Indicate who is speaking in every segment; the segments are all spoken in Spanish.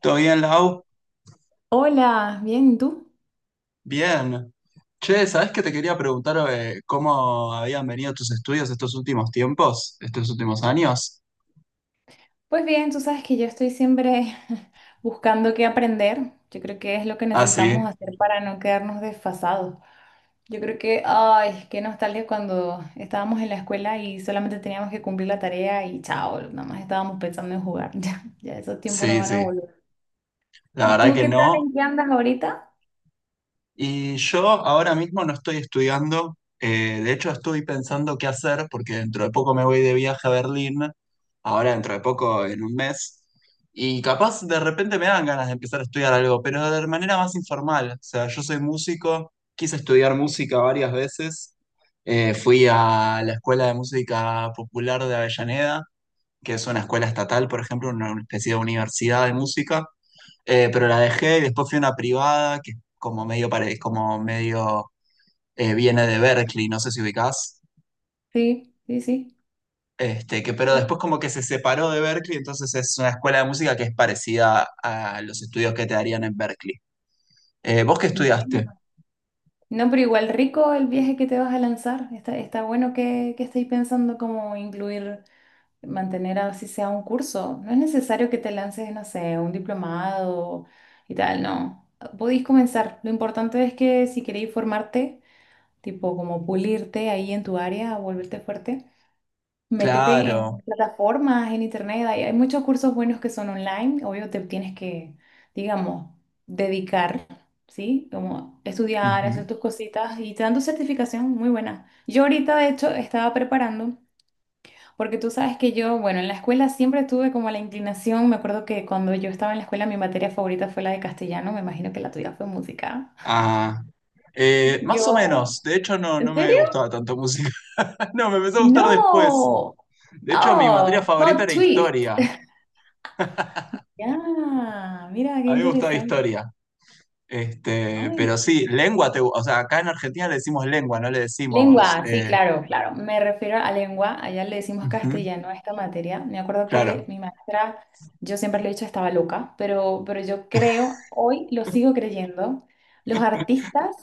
Speaker 1: ¿Todo bien, Lau?
Speaker 2: Hola, bien, ¿y tú?
Speaker 1: Bien. Che, ¿sabés que te quería preguntar cómo habían venido tus estudios estos últimos tiempos, estos últimos años?
Speaker 2: Pues bien, tú sabes que yo estoy siempre buscando qué aprender. Yo creo que es lo que
Speaker 1: Ah,
Speaker 2: necesitamos
Speaker 1: sí,
Speaker 2: hacer para no quedarnos desfasados. Yo creo que, ay, qué nostalgia cuando estábamos en la escuela y solamente teníamos que cumplir la tarea y chao, nada más estábamos pensando en jugar. Ya, ya esos tiempos no
Speaker 1: sí,
Speaker 2: van a
Speaker 1: sí.
Speaker 2: volver.
Speaker 1: La
Speaker 2: ¿Y
Speaker 1: verdad
Speaker 2: tú
Speaker 1: que
Speaker 2: qué tal?
Speaker 1: no.
Speaker 2: ¿En qué andas ahorita?
Speaker 1: Y yo ahora mismo no estoy estudiando, de hecho estoy pensando qué hacer porque dentro de poco me voy de viaje a Berlín, ahora dentro de poco en un mes, y capaz de repente me dan ganas de empezar a estudiar algo, pero de manera más informal. O sea, yo soy músico, quise estudiar música varias veces, fui a la Escuela de Música Popular de Avellaneda, que es una escuela estatal, por ejemplo, una especie de universidad de música. Pero la dejé y después fui a una privada que es como medio, como medio viene de Berkeley, no sé si ubicás.
Speaker 2: Sí, sí, sí.
Speaker 1: Este, que, pero después como que se separó de Berkeley, entonces es una escuela de música que es parecida a los estudios que te darían en Berkeley. ¿Vos qué estudiaste?
Speaker 2: Bueno. No, pero igual rico el viaje que te vas a lanzar. Está bueno que estéis pensando cómo incluir, mantener así sea un curso. No es necesario que te lances, no sé, un diplomado y tal, no. Podéis comenzar. Lo importante es que si queréis formarte, tipo como pulirte ahí en tu área, volverte fuerte, métete en
Speaker 1: Claro.
Speaker 2: plataformas, en internet. Hay muchos cursos buenos que son online. Obvio, te tienes que, digamos, dedicar. ¿Sí? Como estudiar, hacer
Speaker 1: Ujú.
Speaker 2: tus cositas y te dan tu certificación muy buena. Yo ahorita, de hecho, estaba preparando. Porque tú sabes que yo, bueno, en la escuela siempre tuve como la inclinación, me acuerdo que cuando yo estaba en la escuela mi materia favorita fue la de castellano, me imagino que la tuya fue música.
Speaker 1: Ah, más o
Speaker 2: Yo,
Speaker 1: menos. De hecho, no,
Speaker 2: ¿en
Speaker 1: no me
Speaker 2: serio?
Speaker 1: gustaba tanto música. No, me empezó a gustar después.
Speaker 2: No.
Speaker 1: De hecho, mi materia
Speaker 2: Oh,
Speaker 1: favorita
Speaker 2: plot
Speaker 1: era
Speaker 2: twist.
Speaker 1: historia.
Speaker 2: Ya, mira qué
Speaker 1: A mí me gustaba
Speaker 2: interesante.
Speaker 1: historia. Este,
Speaker 2: Ay,
Speaker 1: pero
Speaker 2: no.
Speaker 1: sí, lengua, o sea, acá en Argentina le decimos lengua, no le decimos,
Speaker 2: Lengua, sí, claro, claro. Me refiero a lengua. Allá le decimos
Speaker 1: ujú,
Speaker 2: castellano a esta materia. Me acuerdo que
Speaker 1: claro.
Speaker 2: mi maestra, yo siempre le he dicho estaba loca, pero yo creo, hoy lo sigo creyendo, los artistas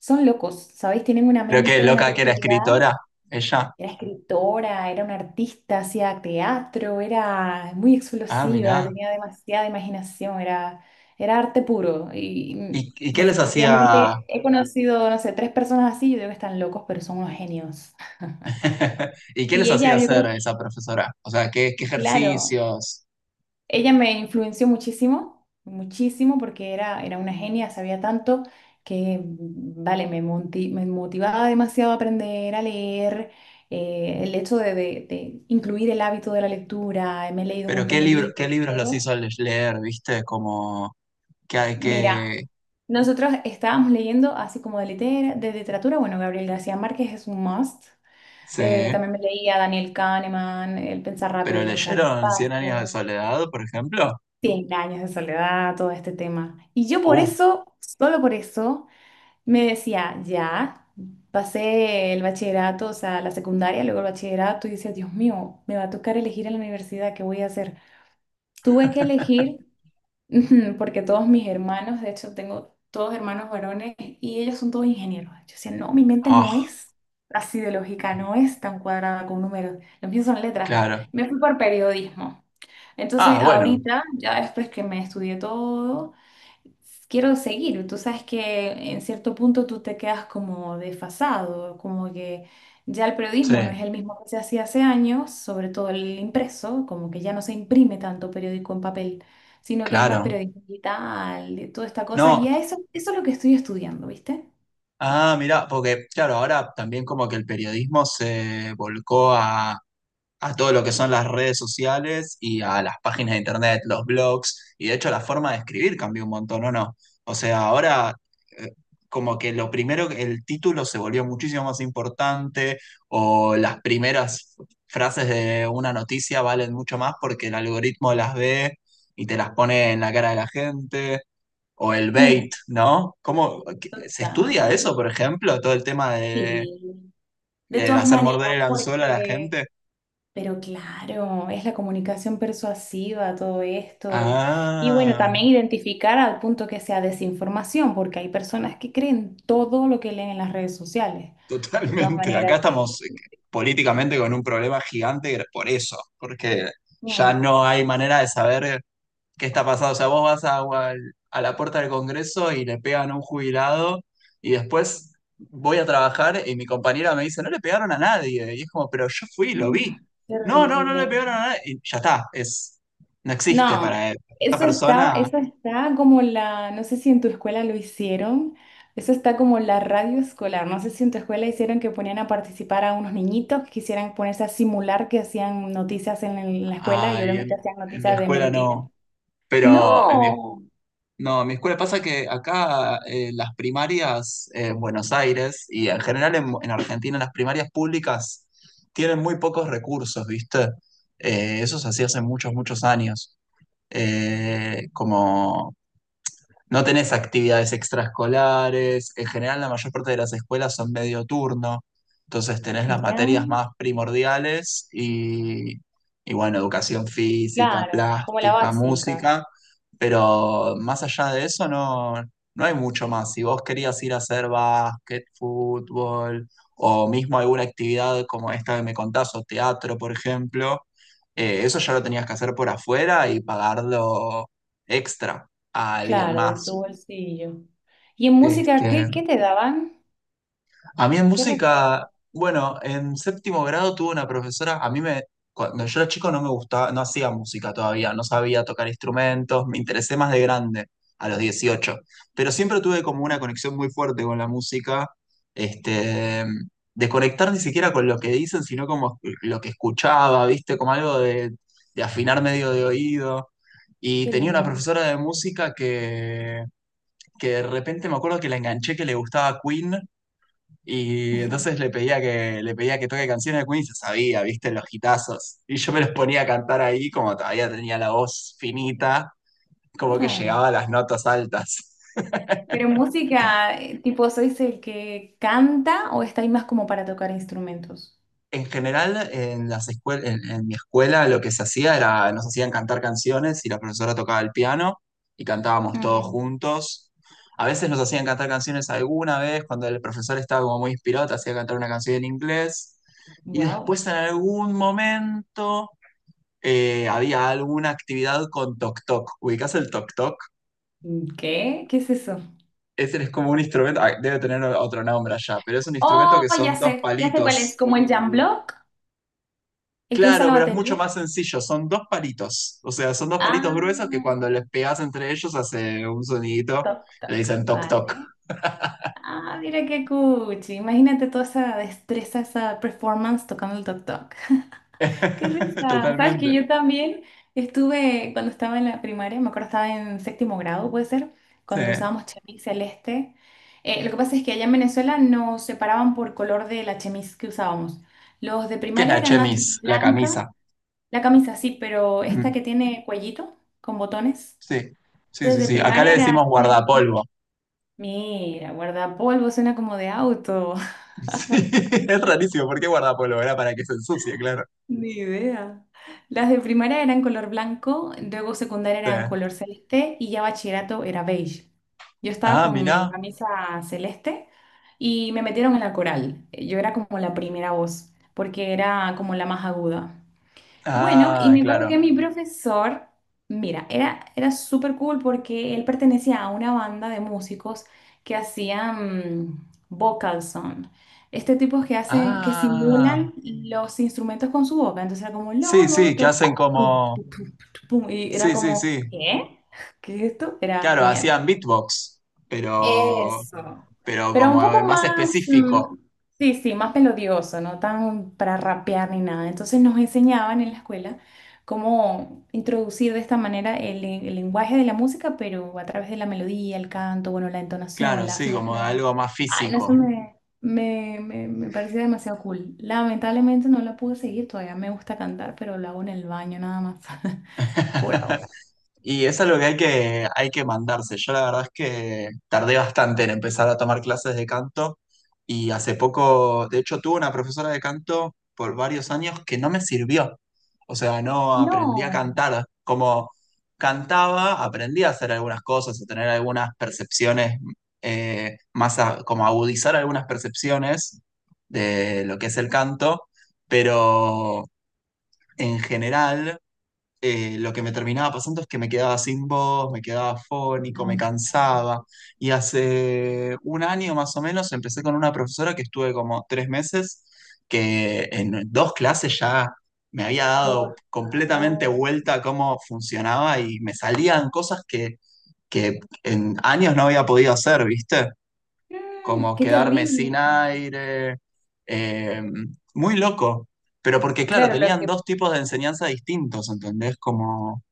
Speaker 2: son locos, ¿sabéis? Tienen una
Speaker 1: Pero qué
Speaker 2: mente, una
Speaker 1: loca, que era
Speaker 2: creatividad.
Speaker 1: escritora, ella.
Speaker 2: Era escritora, era una artista, hacía teatro, era muy
Speaker 1: Ah,
Speaker 2: explosiva,
Speaker 1: mirá.
Speaker 2: tenía demasiada imaginación, era arte puro. Y
Speaker 1: Y qué les hacía,
Speaker 2: definitivamente he conocido, no sé, tres personas así, yo digo que están locos, pero son unos genios.
Speaker 1: y qué
Speaker 2: Y
Speaker 1: les hacía
Speaker 2: ella, yo
Speaker 1: hacer a
Speaker 2: creo,
Speaker 1: esa profesora? O sea, qué, qué
Speaker 2: claro,
Speaker 1: ejercicios,
Speaker 2: ella me influenció muchísimo, muchísimo, porque era una genia, sabía tanto que, vale, me motivaba demasiado a aprender a leer. El hecho de, de incluir el hábito de la lectura, me he leído un
Speaker 1: pero
Speaker 2: montón
Speaker 1: qué
Speaker 2: de
Speaker 1: libro, qué
Speaker 2: libros,
Speaker 1: libros los
Speaker 2: todo.
Speaker 1: hizo leer, ¿viste? Como que hay
Speaker 2: Mira,
Speaker 1: que,
Speaker 2: nosotros estábamos leyendo así como de, de literatura, bueno, Gabriel García Márquez es un must.
Speaker 1: sí.
Speaker 2: También me leía Daniel Kahneman, El pensar
Speaker 1: Pero
Speaker 2: rápido, pensar
Speaker 1: leyeron Cien años de
Speaker 2: despacio.
Speaker 1: soledad, por ejemplo.
Speaker 2: Cien años de soledad, todo este tema. Y yo por
Speaker 1: Uh,
Speaker 2: eso, solo por eso, me decía, ya, pasé el bachillerato, o sea, la secundaria, luego el bachillerato, y decía, Dios mío, me va a tocar elegir en la universidad, ¿qué voy a hacer? Tuve que elegir. Ujú. Porque todos mis hermanos, de hecho tengo todos hermanos varones y ellos son todos ingenieros. Yo decía, no, mi mente no
Speaker 1: ah,
Speaker 2: es así de lógica, no es tan cuadrada con números, los míos son letras.
Speaker 1: claro.
Speaker 2: Me fui por periodismo.
Speaker 1: Ah,
Speaker 2: Entonces
Speaker 1: bueno,
Speaker 2: ahorita, ya después que me estudié todo, quiero seguir. Tú sabes que en cierto punto tú te quedas como desfasado, como que ya el
Speaker 1: sí,
Speaker 2: periodismo no es el mismo que se hacía hace años, sobre todo el impreso, como que ya no se imprime tanto periódico en papel, sino que hay más
Speaker 1: claro.
Speaker 2: periodismo digital, de toda esta cosa, y
Speaker 1: No,
Speaker 2: a eso, eso es lo que estoy estudiando, ¿viste?
Speaker 1: ah, mirá, porque claro, ahora también como que el periodismo se volcó a todo lo que son las redes sociales y a las páginas de internet, los blogs, y de hecho la forma de escribir cambió un montón, ¿o no? O sea, ahora eh, como que lo primero, el título se volvió muchísimo más importante, o las primeras frases de una noticia valen mucho más porque el algoritmo las ve y te las pone en la cara de la gente, o el
Speaker 2: Mm,
Speaker 1: bait, ¿no? ¿Cómo se estudia
Speaker 2: total,
Speaker 1: eso, por ejemplo? Todo el tema de,
Speaker 2: sí. De todas
Speaker 1: hacer morder
Speaker 2: maneras,
Speaker 1: el anzuelo a la
Speaker 2: porque
Speaker 1: gente.
Speaker 2: Pero claro, es la comunicación persuasiva, todo esto. Y bueno,
Speaker 1: Ah,
Speaker 2: también identificar al punto que sea desinformación, porque hay personas que creen todo lo que leen en las redes sociales. De todas
Speaker 1: totalmente. Acá
Speaker 2: maneras, sí.
Speaker 1: estamos políticamente con un problema gigante por eso, porque ya
Speaker 2: Mm.
Speaker 1: no hay manera de saber. ¿Qué está pasando? O sea, vos vas a, a la puerta del Congreso y le pegan a un jubilado y después voy a trabajar y mi compañera me dice, no le pegaron a nadie. Y es como, pero yo fui, lo
Speaker 2: Mm,
Speaker 1: vi. No, no, no le pegaron a
Speaker 2: Terrible.
Speaker 1: nadie. Y ya está, es, no existe
Speaker 2: No,
Speaker 1: para él. Esa
Speaker 2: eso está,
Speaker 1: persona,
Speaker 2: eso está como la, no sé si en tu escuela lo hicieron, eso está como la radio escolar, no sé si en tu escuela hicieron que ponían a participar a unos niñitos que quisieran ponerse a simular que hacían noticias en, la escuela y
Speaker 1: ay,
Speaker 2: obviamente hacían
Speaker 1: en mi
Speaker 2: noticias de
Speaker 1: escuela
Speaker 2: mentira.
Speaker 1: no, pero en mi
Speaker 2: No,
Speaker 1: no, mi escuela pasa que acá las primarias en Buenos Aires y en general en Argentina las primarias públicas tienen muy pocos recursos, ¿viste? Eso se hacía hace muchos, muchos años. Como no tenés actividades extraescolares. En general, la mayor parte de las escuelas son medio turno. Entonces tenés las
Speaker 2: ya,
Speaker 1: materias más primordiales y bueno, educación física,
Speaker 2: claro, como la
Speaker 1: plástica,
Speaker 2: básica,
Speaker 1: música. Pero más allá de eso, no, no hay mucho más. Si vos querías ir a hacer básquet, fútbol o mismo alguna actividad como esta que me contás, o teatro, por ejemplo, eso ya lo tenías que hacer por afuera y pagarlo extra a alguien
Speaker 2: claro, de tu
Speaker 1: más.
Speaker 2: bolsillo. ¿Y en música qué,
Speaker 1: Este,
Speaker 2: qué te daban?
Speaker 1: a mí en
Speaker 2: ¿Qué recuerdas?
Speaker 1: música, bueno, en séptimo grado tuve una profesora, a mí me, cuando yo era chico no me gustaba, no hacía música todavía, no sabía tocar instrumentos, me interesé más de grande, a los 18, pero siempre tuve como una conexión muy fuerte con la música, este, de conectar ni siquiera con lo que dicen, sino como lo que escuchaba, ¿viste? Como algo de afinar medio de oído. Y
Speaker 2: Qué
Speaker 1: tenía una
Speaker 2: lindo.
Speaker 1: profesora de música que de repente me acuerdo que la enganché, que le gustaba Queen, y entonces le pedía que toque canciones de Queen y se sabía, viste, los gitazos. Y yo me los ponía a cantar ahí, como todavía tenía la voz finita, como que
Speaker 2: Ujú.
Speaker 1: llegaba a las notas altas.
Speaker 2: Pero música, tipo, ¿sois el que canta o estáis más como para tocar instrumentos?
Speaker 1: En general, en las en mi escuela lo que se hacía era, nos hacían cantar canciones y la profesora tocaba el piano y cantábamos todos juntos. A veces nos hacían cantar canciones alguna vez, cuando el profesor estaba como muy inspirado, te hacía cantar una canción en inglés. Y después
Speaker 2: Wow.
Speaker 1: en algún momento había alguna actividad con toc toc. ¿Ubicás el toc toc?
Speaker 2: ¿Qué? ¿Qué es eso?
Speaker 1: Ese es como un instrumento, ah, debe tener otro nombre allá, pero es un instrumento
Speaker 2: Oh,
Speaker 1: que son dos
Speaker 2: ya sé cuál es,
Speaker 1: palitos.
Speaker 2: como el jam block, el que usa
Speaker 1: Claro,
Speaker 2: la
Speaker 1: pero es
Speaker 2: batería.
Speaker 1: mucho más sencillo. Son dos palitos. O sea, son dos palitos
Speaker 2: Ah,
Speaker 1: gruesos que cuando les pegas entre ellos hace un sonidito.
Speaker 2: toc,
Speaker 1: Le
Speaker 2: toc,
Speaker 1: dicen toc toc.
Speaker 2: vale. Ah, mira qué cuchi. Imagínate toda esa destreza, esa performance tocando el toc, toc. Qué risa. Sabes que
Speaker 1: Totalmente.
Speaker 2: yo también estuve, cuando estaba en la primaria, me acuerdo estaba en séptimo grado, puede ser,
Speaker 1: Sí.
Speaker 2: cuando usábamos chemis celeste. Lo que pasa es que allá en Venezuela nos separaban por color de la chemis que usábamos. Los de
Speaker 1: ¿Qué es
Speaker 2: primaria
Speaker 1: la
Speaker 2: eran la chemis
Speaker 1: chemis? La
Speaker 2: blanca,
Speaker 1: camisa.
Speaker 2: la camisa sí, pero esta que
Speaker 1: Mm,
Speaker 2: tiene cuellito con botones.
Speaker 1: sí. Sí,
Speaker 2: Entonces
Speaker 1: sí,
Speaker 2: de
Speaker 1: sí. Acá le
Speaker 2: primaria
Speaker 1: decimos
Speaker 2: era chemis.
Speaker 1: guardapolvo.
Speaker 2: Mira, guardapolvo suena como de auto.
Speaker 1: Sí, es rarísimo. ¿Por qué guardapolvo? Era para que se ensucie, claro.
Speaker 2: Ni idea. Las de primaria eran color blanco, luego secundaria
Speaker 1: Sí.
Speaker 2: eran color celeste y ya bachillerato era beige. Yo estaba
Speaker 1: Ah,
Speaker 2: con
Speaker 1: mirá.
Speaker 2: camisa celeste y me metieron en la coral. Yo era como la primera voz, porque era como la más aguda. Bueno, y
Speaker 1: Ah,
Speaker 2: me acuerdo
Speaker 1: claro.
Speaker 2: que mi profesor, mira, era súper cool porque él pertenecía a una banda de músicos que hacían vocal son. Este tipo que hacen, que
Speaker 1: Ah.
Speaker 2: simulan los instrumentos con su boca. Entonces era como,
Speaker 1: Sí,
Speaker 2: lo,
Speaker 1: sí, que
Speaker 2: to,
Speaker 1: hacen
Speaker 2: pum,
Speaker 1: como.
Speaker 2: tu, pum", y era
Speaker 1: Sí, sí,
Speaker 2: como,
Speaker 1: sí.
Speaker 2: ¿qué? ¿Qué es esto? Era
Speaker 1: Claro,
Speaker 2: genial.
Speaker 1: hacían beatbox, pero
Speaker 2: Eso.
Speaker 1: pero
Speaker 2: Pero un
Speaker 1: como
Speaker 2: poco
Speaker 1: más
Speaker 2: más,
Speaker 1: específico.
Speaker 2: sí, sí, más melodioso, no tan para rapear ni nada. Entonces nos enseñaban en la escuela cómo introducir de esta manera el lenguaje de la música, pero a través de la melodía, el canto, bueno, la entonación,
Speaker 1: Claro,
Speaker 2: la
Speaker 1: sí, como
Speaker 2: afinación.
Speaker 1: algo más
Speaker 2: Ay, no, eso
Speaker 1: físico.
Speaker 2: me parecía demasiado cool. Lamentablemente no la pude seguir todavía. Me gusta cantar, pero lo hago en el baño nada más, por ahora.
Speaker 1: Y es algo que hay que, hay que mandarse. Yo la verdad es que tardé bastante en empezar a tomar clases de canto y hace poco, de hecho, tuve una profesora de canto por varios años que no me sirvió. O sea, no aprendí a
Speaker 2: No,
Speaker 1: cantar. Como cantaba, aprendí a hacer algunas cosas, a tener algunas percepciones, más como agudizar algunas percepciones de lo que es el canto, pero en general lo que me terminaba pasando es que me quedaba sin voz, me quedaba fónico, me
Speaker 2: no,
Speaker 1: cansaba. Y hace un año más o menos empecé con una profesora que estuve como 3 meses, que en dos clases ya me había dado
Speaker 2: por
Speaker 1: completamente
Speaker 2: favor.
Speaker 1: vuelta a cómo funcionaba y me salían cosas que en años no había podido hacer, ¿viste? Como
Speaker 2: Qué
Speaker 1: quedarme sin
Speaker 2: terrible.
Speaker 1: aire, eh, muy loco. Pero porque, claro,
Speaker 2: Claro, lo
Speaker 1: tenían
Speaker 2: que
Speaker 1: dos tipos de enseñanza distintos, ¿entendés? Como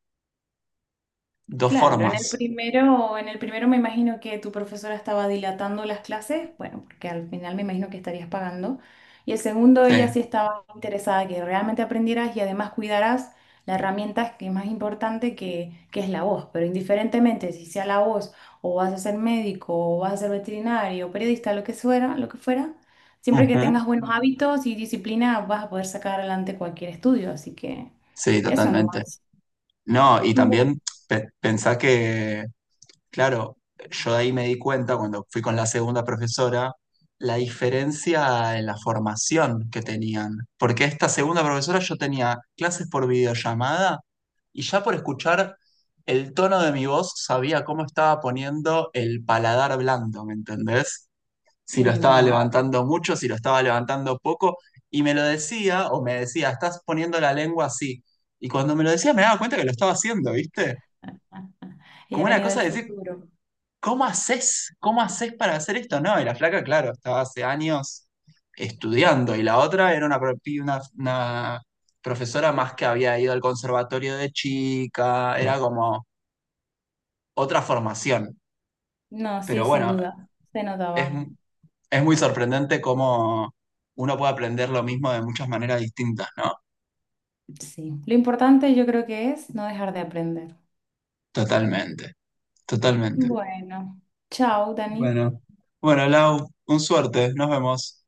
Speaker 1: dos
Speaker 2: Claro, en
Speaker 1: formas,
Speaker 2: el primero me imagino que tu profesora estaba dilatando las clases, bueno, porque al final me imagino que estarías pagando. Y el segundo, ella
Speaker 1: sí.
Speaker 2: sí estaba interesada que realmente aprendieras y además cuidaras la herramienta que es más importante que es la voz. Pero indiferentemente si sea la voz o vas a ser médico o vas a ser veterinario, periodista, lo que fuera, siempre que
Speaker 1: Ujú.
Speaker 2: tengas buenos hábitos y disciplina vas a poder sacar adelante cualquier estudio. Así que
Speaker 1: Sí,
Speaker 2: eso
Speaker 1: totalmente.
Speaker 2: nomás.
Speaker 1: No, y
Speaker 2: Bueno.
Speaker 1: también pensá que, claro, yo de ahí me di cuenta cuando fui con la segunda profesora, la diferencia en la formación que tenían. Porque esta segunda profesora yo tenía clases por videollamada y ya por escuchar el tono de mi voz sabía cómo estaba poniendo el paladar blando, ¿me entendés? Si lo estaba
Speaker 2: Wow.
Speaker 1: levantando mucho, si lo estaba levantando poco, y me lo decía, o me decía, estás poniendo la lengua así. Y cuando me lo decía me daba cuenta que lo estaba haciendo, ¿viste?
Speaker 2: Ella
Speaker 1: Como una
Speaker 2: venía del
Speaker 1: cosa de decir,
Speaker 2: futuro.
Speaker 1: ¿cómo haces? ¿Cómo haces para hacer esto? No, y la flaca, claro, estaba hace años estudiando, y la otra era una profesora más que había ido al conservatorio de chica. Mm. Era como otra formación.
Speaker 2: No, sí,
Speaker 1: Pero
Speaker 2: sin
Speaker 1: bueno,
Speaker 2: duda. Se
Speaker 1: es,
Speaker 2: notaba.
Speaker 1: es muy sorprendente cómo uno puede aprender lo mismo de muchas maneras distintas, ¿no?
Speaker 2: Sí. Lo importante yo creo que es no dejar de aprender.
Speaker 1: Totalmente, totalmente.
Speaker 2: Bueno, chao, Dani.
Speaker 1: Bueno, bueno, Lau, un suerte, nos vemos.